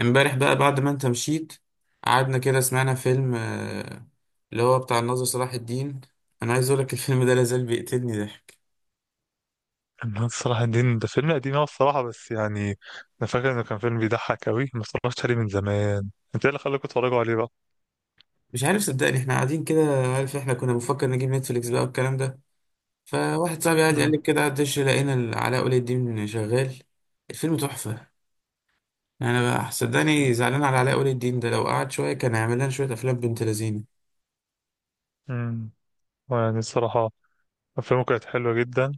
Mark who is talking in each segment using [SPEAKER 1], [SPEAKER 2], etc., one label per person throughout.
[SPEAKER 1] امبارح بقى بعد ما انت مشيت، قعدنا كده سمعنا فيلم اللي هو بتاع الناظر صلاح الدين. انا عايز اقولك الفيلم ده لازال بيقتلني ضحك.
[SPEAKER 2] أنا الصراحة دين ده فيلم قديم أوي الصراحة، بس يعني أنا فاكر إنه كان فيلم بيضحك أوي، ما اتفرجتش عليه من زمان. أنت إيه اللي خلاكوا تتفرجوا عليه بقى؟
[SPEAKER 1] مش عارف صدقني، احنا قاعدين كده. عارف، احنا كنا بنفكر نجيب نتفليكس بقى والكلام ده. فواحد صاحبي قاعد
[SPEAKER 2] امم.
[SPEAKER 1] يقلب كده على الدش، لقينا علاء ولي الدين شغال. الفيلم تحفة. انا بقى صدقني زعلان على علاء ولي الدين ده، لو قعد شوية كان هيعمل لنا شوية افلام بنت لذينة.
[SPEAKER 2] امم. يعني الصراحة، أفلامه كانت حلوة جدا،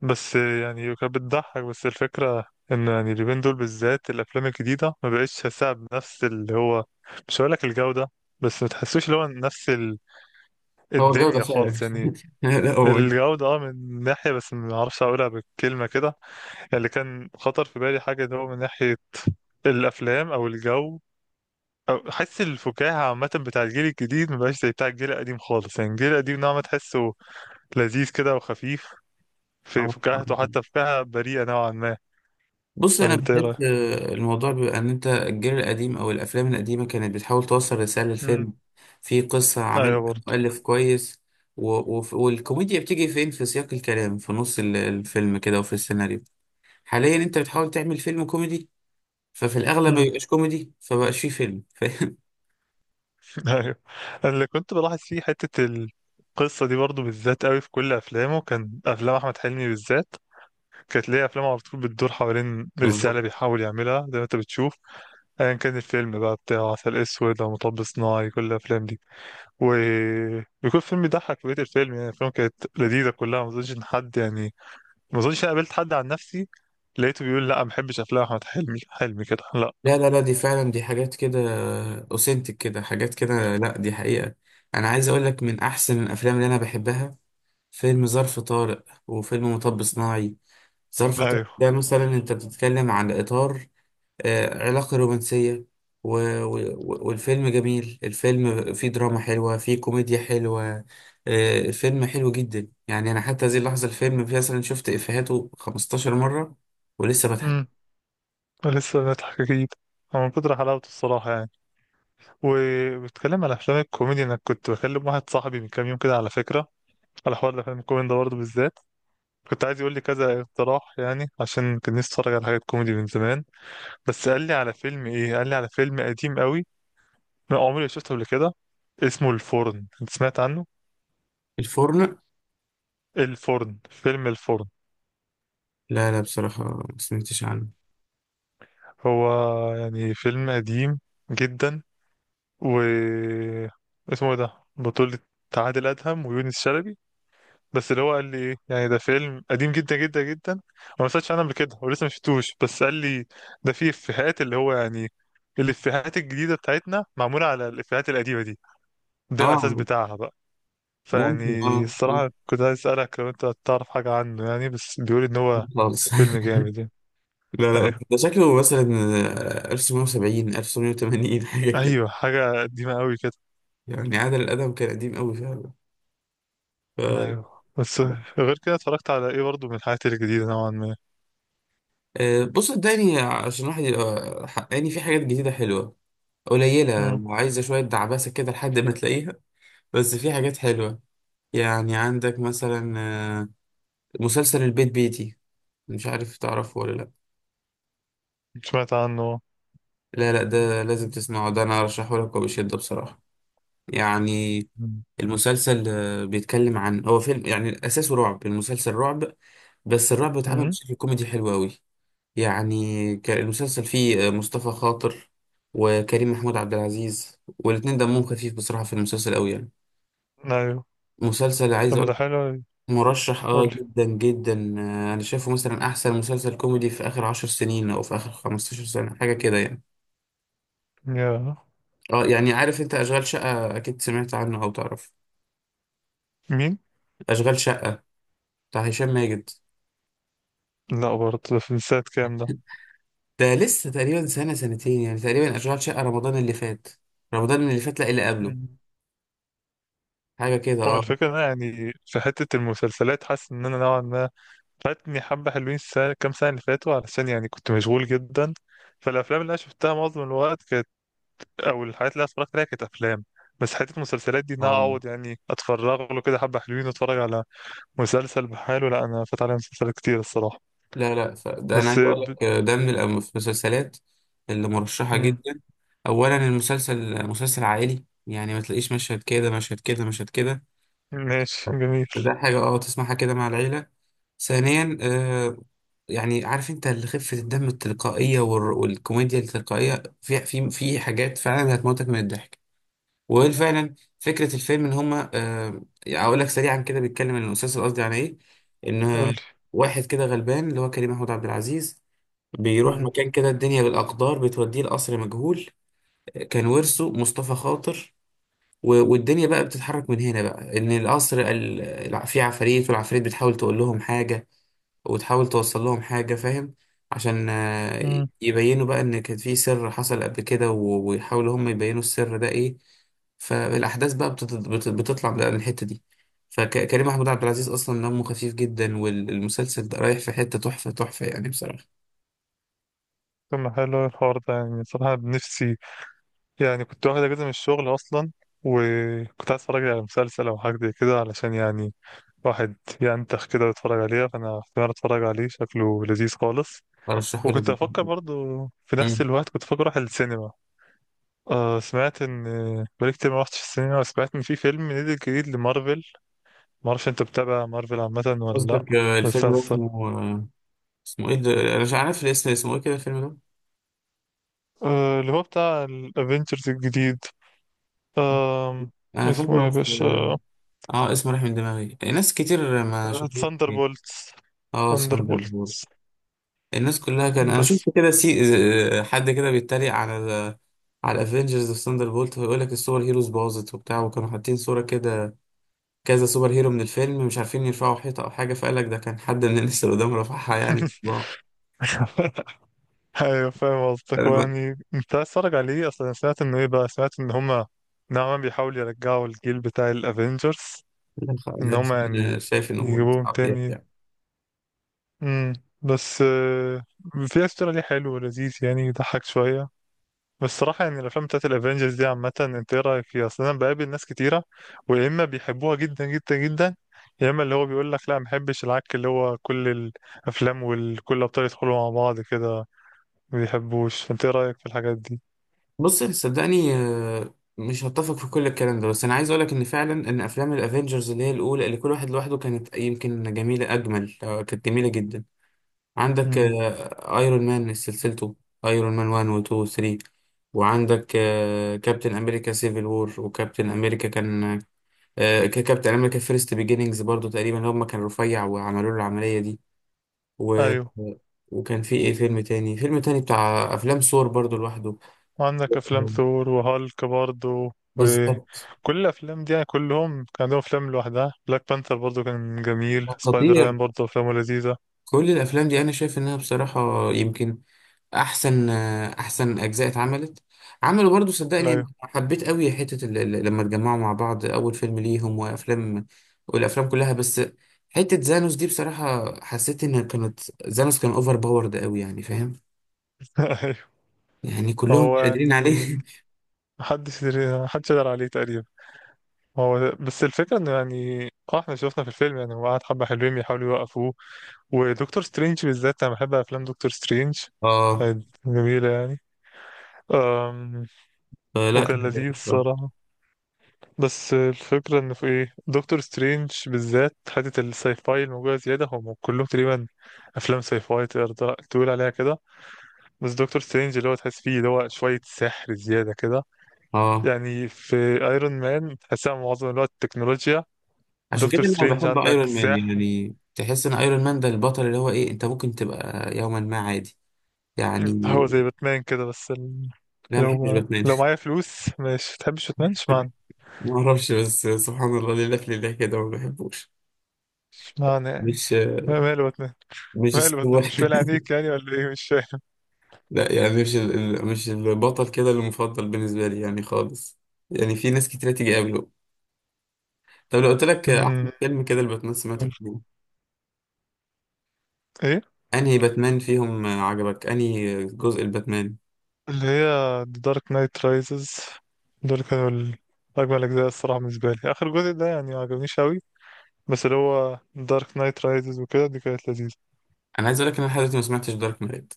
[SPEAKER 2] بس يعني كانت بتضحك. بس الفكرة إن يعني اليومين دول بالذات الأفلام الجديدة ما بقتش هساها بنفس اللي هو، مش هقولك الجودة، بس ما تحسوش اللي هو نفس
[SPEAKER 1] هو جودة
[SPEAKER 2] الدنيا
[SPEAKER 1] فعلا.
[SPEAKER 2] خالص يعني.
[SPEAKER 1] لا هو،
[SPEAKER 2] الجودة اه، من ناحية بس ما أعرفش أقولها بالكلمة كده. اللي كان خطر في بالي حاجة، اللي هو من ناحية الأفلام أو الجو أو حس الفكاهة عامة، بتاع الجيل الجديد مبقاش زي بتاع الجيل القديم خالص. يعني الجيل القديم نوعا ما تحسه لذيذ كده وخفيف، في
[SPEAKER 1] اه.
[SPEAKER 2] فكاهته حتى، فكاهة بريئة نوعا ما.
[SPEAKER 1] بص،
[SPEAKER 2] ولا
[SPEAKER 1] انا
[SPEAKER 2] أنت إيه رأيك؟
[SPEAKER 1] بحس الموضوع بيبقى ان انت الجيل القديم او الافلام القديمه كانت بتحاول توصل رساله
[SPEAKER 2] مم.
[SPEAKER 1] للفيلم. في قصه
[SPEAKER 2] أيوه
[SPEAKER 1] عاملها
[SPEAKER 2] برضه.
[SPEAKER 1] مؤلف كويس، و... والكوميديا بتيجي فين في سياق الكلام في نص الفيلم كده وفي السيناريو. حاليا انت بتحاول تعمل فيلم كوميدي، ففي الاغلب ما
[SPEAKER 2] مم.
[SPEAKER 1] بيبقاش كوميدي فبقاش فيه فيلم. فاهم؟
[SPEAKER 2] أيوه. اللي كنت بلاحظ فيه حتة القصة دي برضه، بالذات قوي في كل أفلامه، كان أفلام أحمد حلمي بالذات كانت ليه أفلام على طول بتدور حوالين الرسالة
[SPEAKER 1] بالظبط.
[SPEAKER 2] اللي بيحاول يعملها، زي ما أنت بتشوف. ايا كان الفيلم بقى بتاع عسل اسود او مطب صناعي، كل الافلام دي وبيكون فيلم يضحك بقية الفيلم. يعني الافلام كانت لذيذه كلها، ما اظنش ان حد يعني، ما اظنش انا قابلت حد عن نفسي لقيته بيقول لا ما بحبش افلام احمد حلمي كده، لا.
[SPEAKER 1] لا، لا، لا، دي فعلا دي حاجات كده. اوثنتك كده حاجات كده، لا دي حقيقه. انا عايز اقول لك من احسن الافلام اللي انا بحبها، فيلم ظرف طارق وفيلم مطب صناعي. ظرف طارق
[SPEAKER 2] ايوه.
[SPEAKER 1] ده مثلا انت بتتكلم عن اطار، علاقة رومانسية. و... والفيلم جميل، الفيلم فيه دراما حلوة فيه كوميديا حلوة. الفيلم حلو جدا، يعني انا حتى هذه اللحظة الفيلم فيه مثلا شفت افيهاته 15 مرة ولسه
[SPEAKER 2] امم.
[SPEAKER 1] بضحك.
[SPEAKER 2] لسه بنضحك اكيد. هو من كتر حلاوته الصراحه يعني. وبتكلم على افلام الكوميدي، انا كنت بكلم واحد صاحبي من كام يوم كده على فكره، على حوار الافلام الكوميدي ده برضه بالذات. كنت عايز يقول لي كذا اقتراح يعني، عشان كان نفسي اتفرج على حاجات كوميدي من زمان. بس قال لي على فيلم ايه، قال لي على فيلم قديم قوي، انا عمري ما شفته قبل كده. اسمه الفرن، انت سمعت عنه؟
[SPEAKER 1] الفرن؟
[SPEAKER 2] الفرن، فيلم الفرن.
[SPEAKER 1] لا، لا، بصراحة ما سمعتش عنه.
[SPEAKER 2] هو يعني فيلم قديم جدا و اسمه ايه ده، بطولة عادل أدهم ويونس شلبي. بس اللي هو قال لي ايه، يعني ده فيلم قديم جدا جدا جدا، انا ما سمعتش عنه قبل كده ولسه ما شفتوش، بس قال لي ده فيه افيهات اللي هو، يعني الافيهات الجديدة بتاعتنا معمولة على الافيهات القديمة دي، ده الأساس
[SPEAKER 1] اه،
[SPEAKER 2] بتاعها بقى.
[SPEAKER 1] ممكن،
[SPEAKER 2] فيعني
[SPEAKER 1] اه اه،
[SPEAKER 2] الصراحة كنت عايز أسألك لو أنت تعرف حاجة عنه يعني، بس بيقول إن هو
[SPEAKER 1] خالص.
[SPEAKER 2] فيلم جامد يعني.
[SPEAKER 1] لا، لا،
[SPEAKER 2] أيوه.
[SPEAKER 1] ده شكله مثلا 1970 1980 حاجة كده.
[SPEAKER 2] أيوه، حاجة قديمة أوي كده.
[SPEAKER 1] يعني عادل الأدب كان قديم قوي فعلا. ف-
[SPEAKER 2] أيوه بس غير كده، اتفرجت على إيه برضه من الحاجات الجديدة نوعا ما؟
[SPEAKER 1] بص صدقني عشان الواحد يبقى حقاني، في حاجات جديدة حلوة قليلة
[SPEAKER 2] مم.
[SPEAKER 1] وعايزة شوية دعبسة كده لحد ما تلاقيها. بس في حاجات حلوة. يعني عندك مثلا مسلسل البيت بيتي، مش عارف تعرفه ولا لأ؟
[SPEAKER 2] سمعت عنه.
[SPEAKER 1] لا، لا، ده لازم تسمعه، ده أنا أرشحه لك وبشدة بصراحة يعني.
[SPEAKER 2] مم.
[SPEAKER 1] المسلسل بيتكلم عن هو فيلم يعني أساسه رعب، المسلسل رعب بس الرعب اتعمل
[SPEAKER 2] مم.
[SPEAKER 1] بشكل كوميدي حلو أوي. يعني المسلسل فيه مصطفى خاطر وكريم محمود عبد العزيز، والاتنين دمهم خفيف بصراحة في المسلسل قوي يعني.
[SPEAKER 2] أيوه.
[SPEAKER 1] مسلسل عايز
[SPEAKER 2] طب ما ده
[SPEAKER 1] اقول،
[SPEAKER 2] حلو أوي.
[SPEAKER 1] مرشح اه
[SPEAKER 2] قولي.
[SPEAKER 1] جدا جدا، انا شايفه مثلا احسن مسلسل كوميدي في اخر 10 سنين او في اخر 15 سنة حاجة كده يعني.
[SPEAKER 2] يا
[SPEAKER 1] اه، يعني عارف انت اشغال شقة، اكيد سمعت عنه او تعرف؟
[SPEAKER 2] مين؟
[SPEAKER 1] اشغال شقة بتاع هشام ماجد.
[SPEAKER 2] لا برضه، ده في سنة كام ده؟
[SPEAKER 1] ده لسه تقريبا سنة سنتين يعني، تقريبا اشغال شقة رمضان اللي فات، رمضان اللي فات، لا اللي قبله،
[SPEAKER 2] مم.
[SPEAKER 1] حاجة كده
[SPEAKER 2] هو
[SPEAKER 1] اه
[SPEAKER 2] الفكرة إن أنا يعني في حتة المسلسلات حاسس إن أنا نوعا ما فاتني حبة حلوين، السنة كام سنة اللي فاتوا علشان يعني كنت مشغول جدا. فالأفلام اللي أنا شفتها معظم الوقت كانت، أو الحاجات اللي أنا اتفرجت عليها، كانت أفلام. بس حتة المسلسلات دي، إن أنا
[SPEAKER 1] اه.
[SPEAKER 2] أقعد يعني أتفرغ له كده حبة حلوين وأتفرج على مسلسل بحاله، لا، أنا فات عليا مسلسلات كتير الصراحة.
[SPEAKER 1] لا، لا، ده انا
[SPEAKER 2] بس
[SPEAKER 1] عايز اقول لك ده من في المسلسلات اللي مرشحه
[SPEAKER 2] مم.
[SPEAKER 1] جدا. اولا المسلسل مسلسل عائلي، يعني ما تلاقيش مشهد كده مشهد كده مشهد كده.
[SPEAKER 2] ماشي جميل.
[SPEAKER 1] ده حاجه اه تسمعها كده مع العيله. ثانيا يعني عارف انت اللي خفه الدم التلقائيه والكوميديا التلقائيه في حاجات فعلا هتموتك من الضحك. وفعلا فكره الفيلم ان هما. اقول لك سريعا كده، بيتكلم عن المسلسل، قصدي عن ايه، ان
[SPEAKER 2] قولي.
[SPEAKER 1] واحد كده غلبان اللي هو كريم محمود عبد العزيز، بيروح
[SPEAKER 2] مم.
[SPEAKER 1] مكان كده الدنيا بالأقدار بتوديه لقصر مجهول، كان ورثه مصطفى خاطر. والدنيا بقى بتتحرك من هنا بقى، إن القصر في عفاريت والعفاريت بتحاول تقول لهم حاجة، وتحاول توصل لهم حاجة. فاهم؟ عشان
[SPEAKER 2] مم.
[SPEAKER 1] يبينوا بقى إن كان في سر حصل قبل كده، ويحاولوا هم يبينوا السر ده إيه. فالأحداث بقى بتطلع بقى من الحتة دي. فكريم محمود عبد العزيز أصلا دمه خفيف جدا، والمسلسل ده رايح في حتة تحفة تحفة يعني بصراحة.
[SPEAKER 2] طب ما حلو الحوار ده يعني، صراحة بنفسي يعني كنت واخد اجازه من الشغل اصلا، وكنت عايز اتفرج على مسلسل او حاجه زي كده علشان يعني واحد ينتخ كده ويتفرج عليها. فانا احتمال اتفرج عليه، شكله لذيذ خالص.
[SPEAKER 1] أرشحه لك
[SPEAKER 2] وكنت افكر برضو في
[SPEAKER 1] بجد.
[SPEAKER 2] نفس الوقت، كنت افكر اروح السينما. آه سمعت ان، بقالي كتير ما رحتش السينما، وسمعت ان في فيلم نزل جديد لمارفل. ما اعرفش انت بتتابع مارفل عامه ولا لا.
[SPEAKER 1] قصدك الفيلم ده
[SPEAKER 2] مسلسل.
[SPEAKER 1] اسمه اسمه ايه ده، انا مش عارف الاسم، اسمه ايه كده الفيلم ده؟
[SPEAKER 2] آه، اللي هو بتاع الافينجرز الجديد. آه.
[SPEAKER 1] انا
[SPEAKER 2] اسمه ايه
[SPEAKER 1] فاكره
[SPEAKER 2] يا
[SPEAKER 1] بس اه.
[SPEAKER 2] باشا؟
[SPEAKER 1] اسمه راح من دماغي، ناس كتير ما شافوه.
[SPEAKER 2] ثاندر بولتس.
[SPEAKER 1] اه،
[SPEAKER 2] ثاندر،
[SPEAKER 1] ساندر بول. الناس كلها كان انا شفت
[SPEAKER 2] بس.
[SPEAKER 1] كده سي، حد كده بيتريق على على الافنجرز في ثاندر بولت، ويقول لك السوبر هيروز باظت وبتاع، وكانوا حاطين صوره كده، كذا سوبر هيرو من الفيلم مش عارفين يرفعوا حيطه او حاجه، فقال لك ده كان حد من الناس اللي قدام رفعها يعني.
[SPEAKER 2] ايوه فاهم قصدك.
[SPEAKER 1] انا
[SPEAKER 2] هو
[SPEAKER 1] بقى-
[SPEAKER 2] يعني انت عايز تتفرج عليه اصلا؟ سمعت انه ايه بقى، سمعت ان هما نوعا ما بيحاولوا يرجعوا الجيل بتاع الافينجرز، ان هما
[SPEAKER 1] أنا
[SPEAKER 2] يعني
[SPEAKER 1] شايف انه
[SPEAKER 2] يجيبوهم
[SPEAKER 1] صعب
[SPEAKER 2] تاني.
[SPEAKER 1] يعني.
[SPEAKER 2] امم. بس آه، في استرا ليه حلو ولذيذ، يعني يضحك شويه. بس الصراحه يعني الافلام بتاعت الافينجرز دي عامه، انت ايه رايك فيها اصلا؟ انا بقابل ناس كتيره، ويا اما بيحبوها جدا جدا جدا، يا اما اللي هو بيقول لك لا ما بحبش العك، اللي هو كل الافلام وكل الابطال يدخلوا مع بعض كده ما بيحبوش. فانت ايه رأيك في الحاجات دي؟
[SPEAKER 1] بص صدقني، مش هتفق في كل الكلام ده، بس انا عايز اقولك ان فعلا ان افلام الافينجرز اللي هي الاولى اللي كل واحد لوحده كانت يمكن جميله، اجمل، كانت جميله جدا. عندك
[SPEAKER 2] امم.
[SPEAKER 1] ايرون مان، سلسلته ايرون مان 1 و 2 و 3، وعندك كابتن امريكا سيفل وور، وكابتن امريكا كان كابتن امريكا فيرست بيجينينجز برضو، تقريبا هم كان رفيع وعملوا له العمليه دي. و...
[SPEAKER 2] ايوه.
[SPEAKER 1] وكان في ايه، فيلم تاني، فيلم تاني بتاع افلام سور برضو لوحده.
[SPEAKER 2] وعندك افلام
[SPEAKER 1] آه،
[SPEAKER 2] ثور وهالك برضو،
[SPEAKER 1] بالظبط.
[SPEAKER 2] وكل الافلام دي يعني كلهم كان عندهم افلام لوحدها. بلاك بانثر برضو كان جميل، سبايدر مان
[SPEAKER 1] خطير.
[SPEAKER 2] برضو افلامه لذيذة.
[SPEAKER 1] كل الافلام دي انا شايف انها بصراحه يمكن احسن، احسن اجزاء اتعملت. عملوا برضو صدقني، أنا
[SPEAKER 2] ايوه.
[SPEAKER 1] حبيت قوي حته لما اتجمعوا مع بعض اول فيلم ليهم وافلام، والافلام كلها، بس حته زانوس دي بصراحه حسيت ان كانت، زانوس كان اوفر باورد قوي يعني فاهم؟
[SPEAKER 2] ايوه.
[SPEAKER 1] يعني كلهم
[SPEAKER 2] هو
[SPEAKER 1] مش قادرين
[SPEAKER 2] يعني
[SPEAKER 1] عليه.
[SPEAKER 2] محدش يقدر عليه تقريبا. هو بس الفكرة انه يعني، اه احنا شفنا في الفيلم يعني هو قعد حبة حلوين بيحاولوا يوقفوه، ودكتور سترينج بالذات، انا بحب افلام دكتور سترينج،
[SPEAKER 1] اه،
[SPEAKER 2] كانت جميلة يعني. أم،
[SPEAKER 1] فلا
[SPEAKER 2] وكان
[SPEAKER 1] كان جامد
[SPEAKER 2] لذيذ
[SPEAKER 1] بصراحة.
[SPEAKER 2] الصراحة. بس الفكرة إن في إيه، دكتور سترينج بالذات حتة الساي فاي الموجودة زيادة، هم كلهم تقريبا أفلام ساي فاي تقدر تقول عليها كده، بس دكتور سترينج اللي هو تحس فيه اللي هو شوية سحر زيادة كده.
[SPEAKER 1] اه،
[SPEAKER 2] يعني في أيرون مان تحسها معظم الوقت تكنولوجيا،
[SPEAKER 1] عشان كده
[SPEAKER 2] دكتور
[SPEAKER 1] انا
[SPEAKER 2] سترينج
[SPEAKER 1] بحب
[SPEAKER 2] عندك
[SPEAKER 1] ايرون مان،
[SPEAKER 2] سحر.
[SPEAKER 1] يعني تحس ان ايرون مان ده البطل اللي هو ايه، انت ممكن تبقى يوما ما عادي يعني.
[SPEAKER 2] هو زي باتمان كده، بس
[SPEAKER 1] لا، ما بحبش
[SPEAKER 2] لو
[SPEAKER 1] باتمان.
[SPEAKER 2] لو معايا فلوس، مش تحبش باتمان اشمعنى؟
[SPEAKER 1] ما اعرفش، بس سبحان الله، لله في لله كده ما بحبوش.
[SPEAKER 2] اشمعنى يعني؟
[SPEAKER 1] مش
[SPEAKER 2] ماله باتمان؟
[SPEAKER 1] مش
[SPEAKER 2] ماله باتمان، مش
[SPEAKER 1] السوبر.
[SPEAKER 2] فايل عليك يعني ولا ايه؟ مش فاهم.
[SPEAKER 1] لا، يعني مش مش البطل كده المفضل بالنسبه لي يعني خالص. يعني في ناس كتير تيجي قبله. طب لو قلت لك احسن
[SPEAKER 2] أمم،
[SPEAKER 1] فيلم كده الباتمان سمعته فيه؟
[SPEAKER 2] ايه؟
[SPEAKER 1] انهي باتمان فيهم عجبك؟ انهي جزء الباتمان؟
[SPEAKER 2] اللي هي The Dark Knight Rises، دول كانوا أجمل أجزاء الصراحة. بالنسبة لي آخر جزء ده يعني معجبنيش أوي، بس اللي هو Dark Knight Rises وكده، دي كانت لذيذة.
[SPEAKER 1] انا عايز اقول لك ان انا لحد دلوقتي ما سمعتش دارك نايت.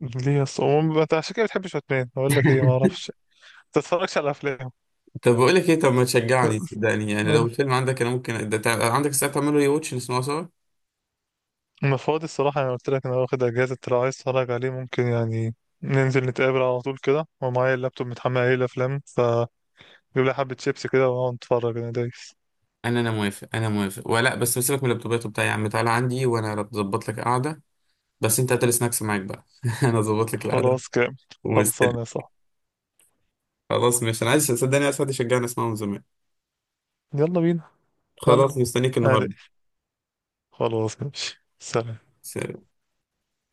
[SPEAKER 2] ليه أصلا؟ عموما أنت عشان كده بتحبش باتمان؟ أقول لك إيه، معرفش، متتفرجش على أفلام.
[SPEAKER 1] طب بقول لك ايه، طب ما تشجعني صدقني يعني، لو
[SPEAKER 2] قول.
[SPEAKER 1] الفيلم عندك انا ممكن ده عندك الساعه تعمله ري واتش نسمعه سوا.
[SPEAKER 2] أنا فاضي الصراحة، أنا قلت لك أنا واخد أجازة، لو عايز تتفرج عليه ممكن يعني ننزل نتقابل على طول كده، ومعايا اللابتوب متحمل عليه الأفلام. فجيب لي حبة شيبسي كده ونقعد نتفرج، أنا دايس.
[SPEAKER 1] انا موافق، انا موافق، ولا بس سيبك من اللابتوبات وبتاع، يا عم تعالى عندي وانا بظبط لك قعده. بس انت هات السناكس معاك بقى. انا اظبط لك القعده
[SPEAKER 2] خلاص كام.
[SPEAKER 1] ومستني.
[SPEAKER 2] خلصانة يا صاحبي.
[SPEAKER 1] خلاص، مش انا عايز، صدقني عايز حد يشجعني اسمعه من زمان.
[SPEAKER 2] يلا بينا. يلا.
[SPEAKER 1] خلاص، مستنيك
[SPEAKER 2] أنا،
[SPEAKER 1] النهارده.
[SPEAKER 2] خلاص ماشي، سلام.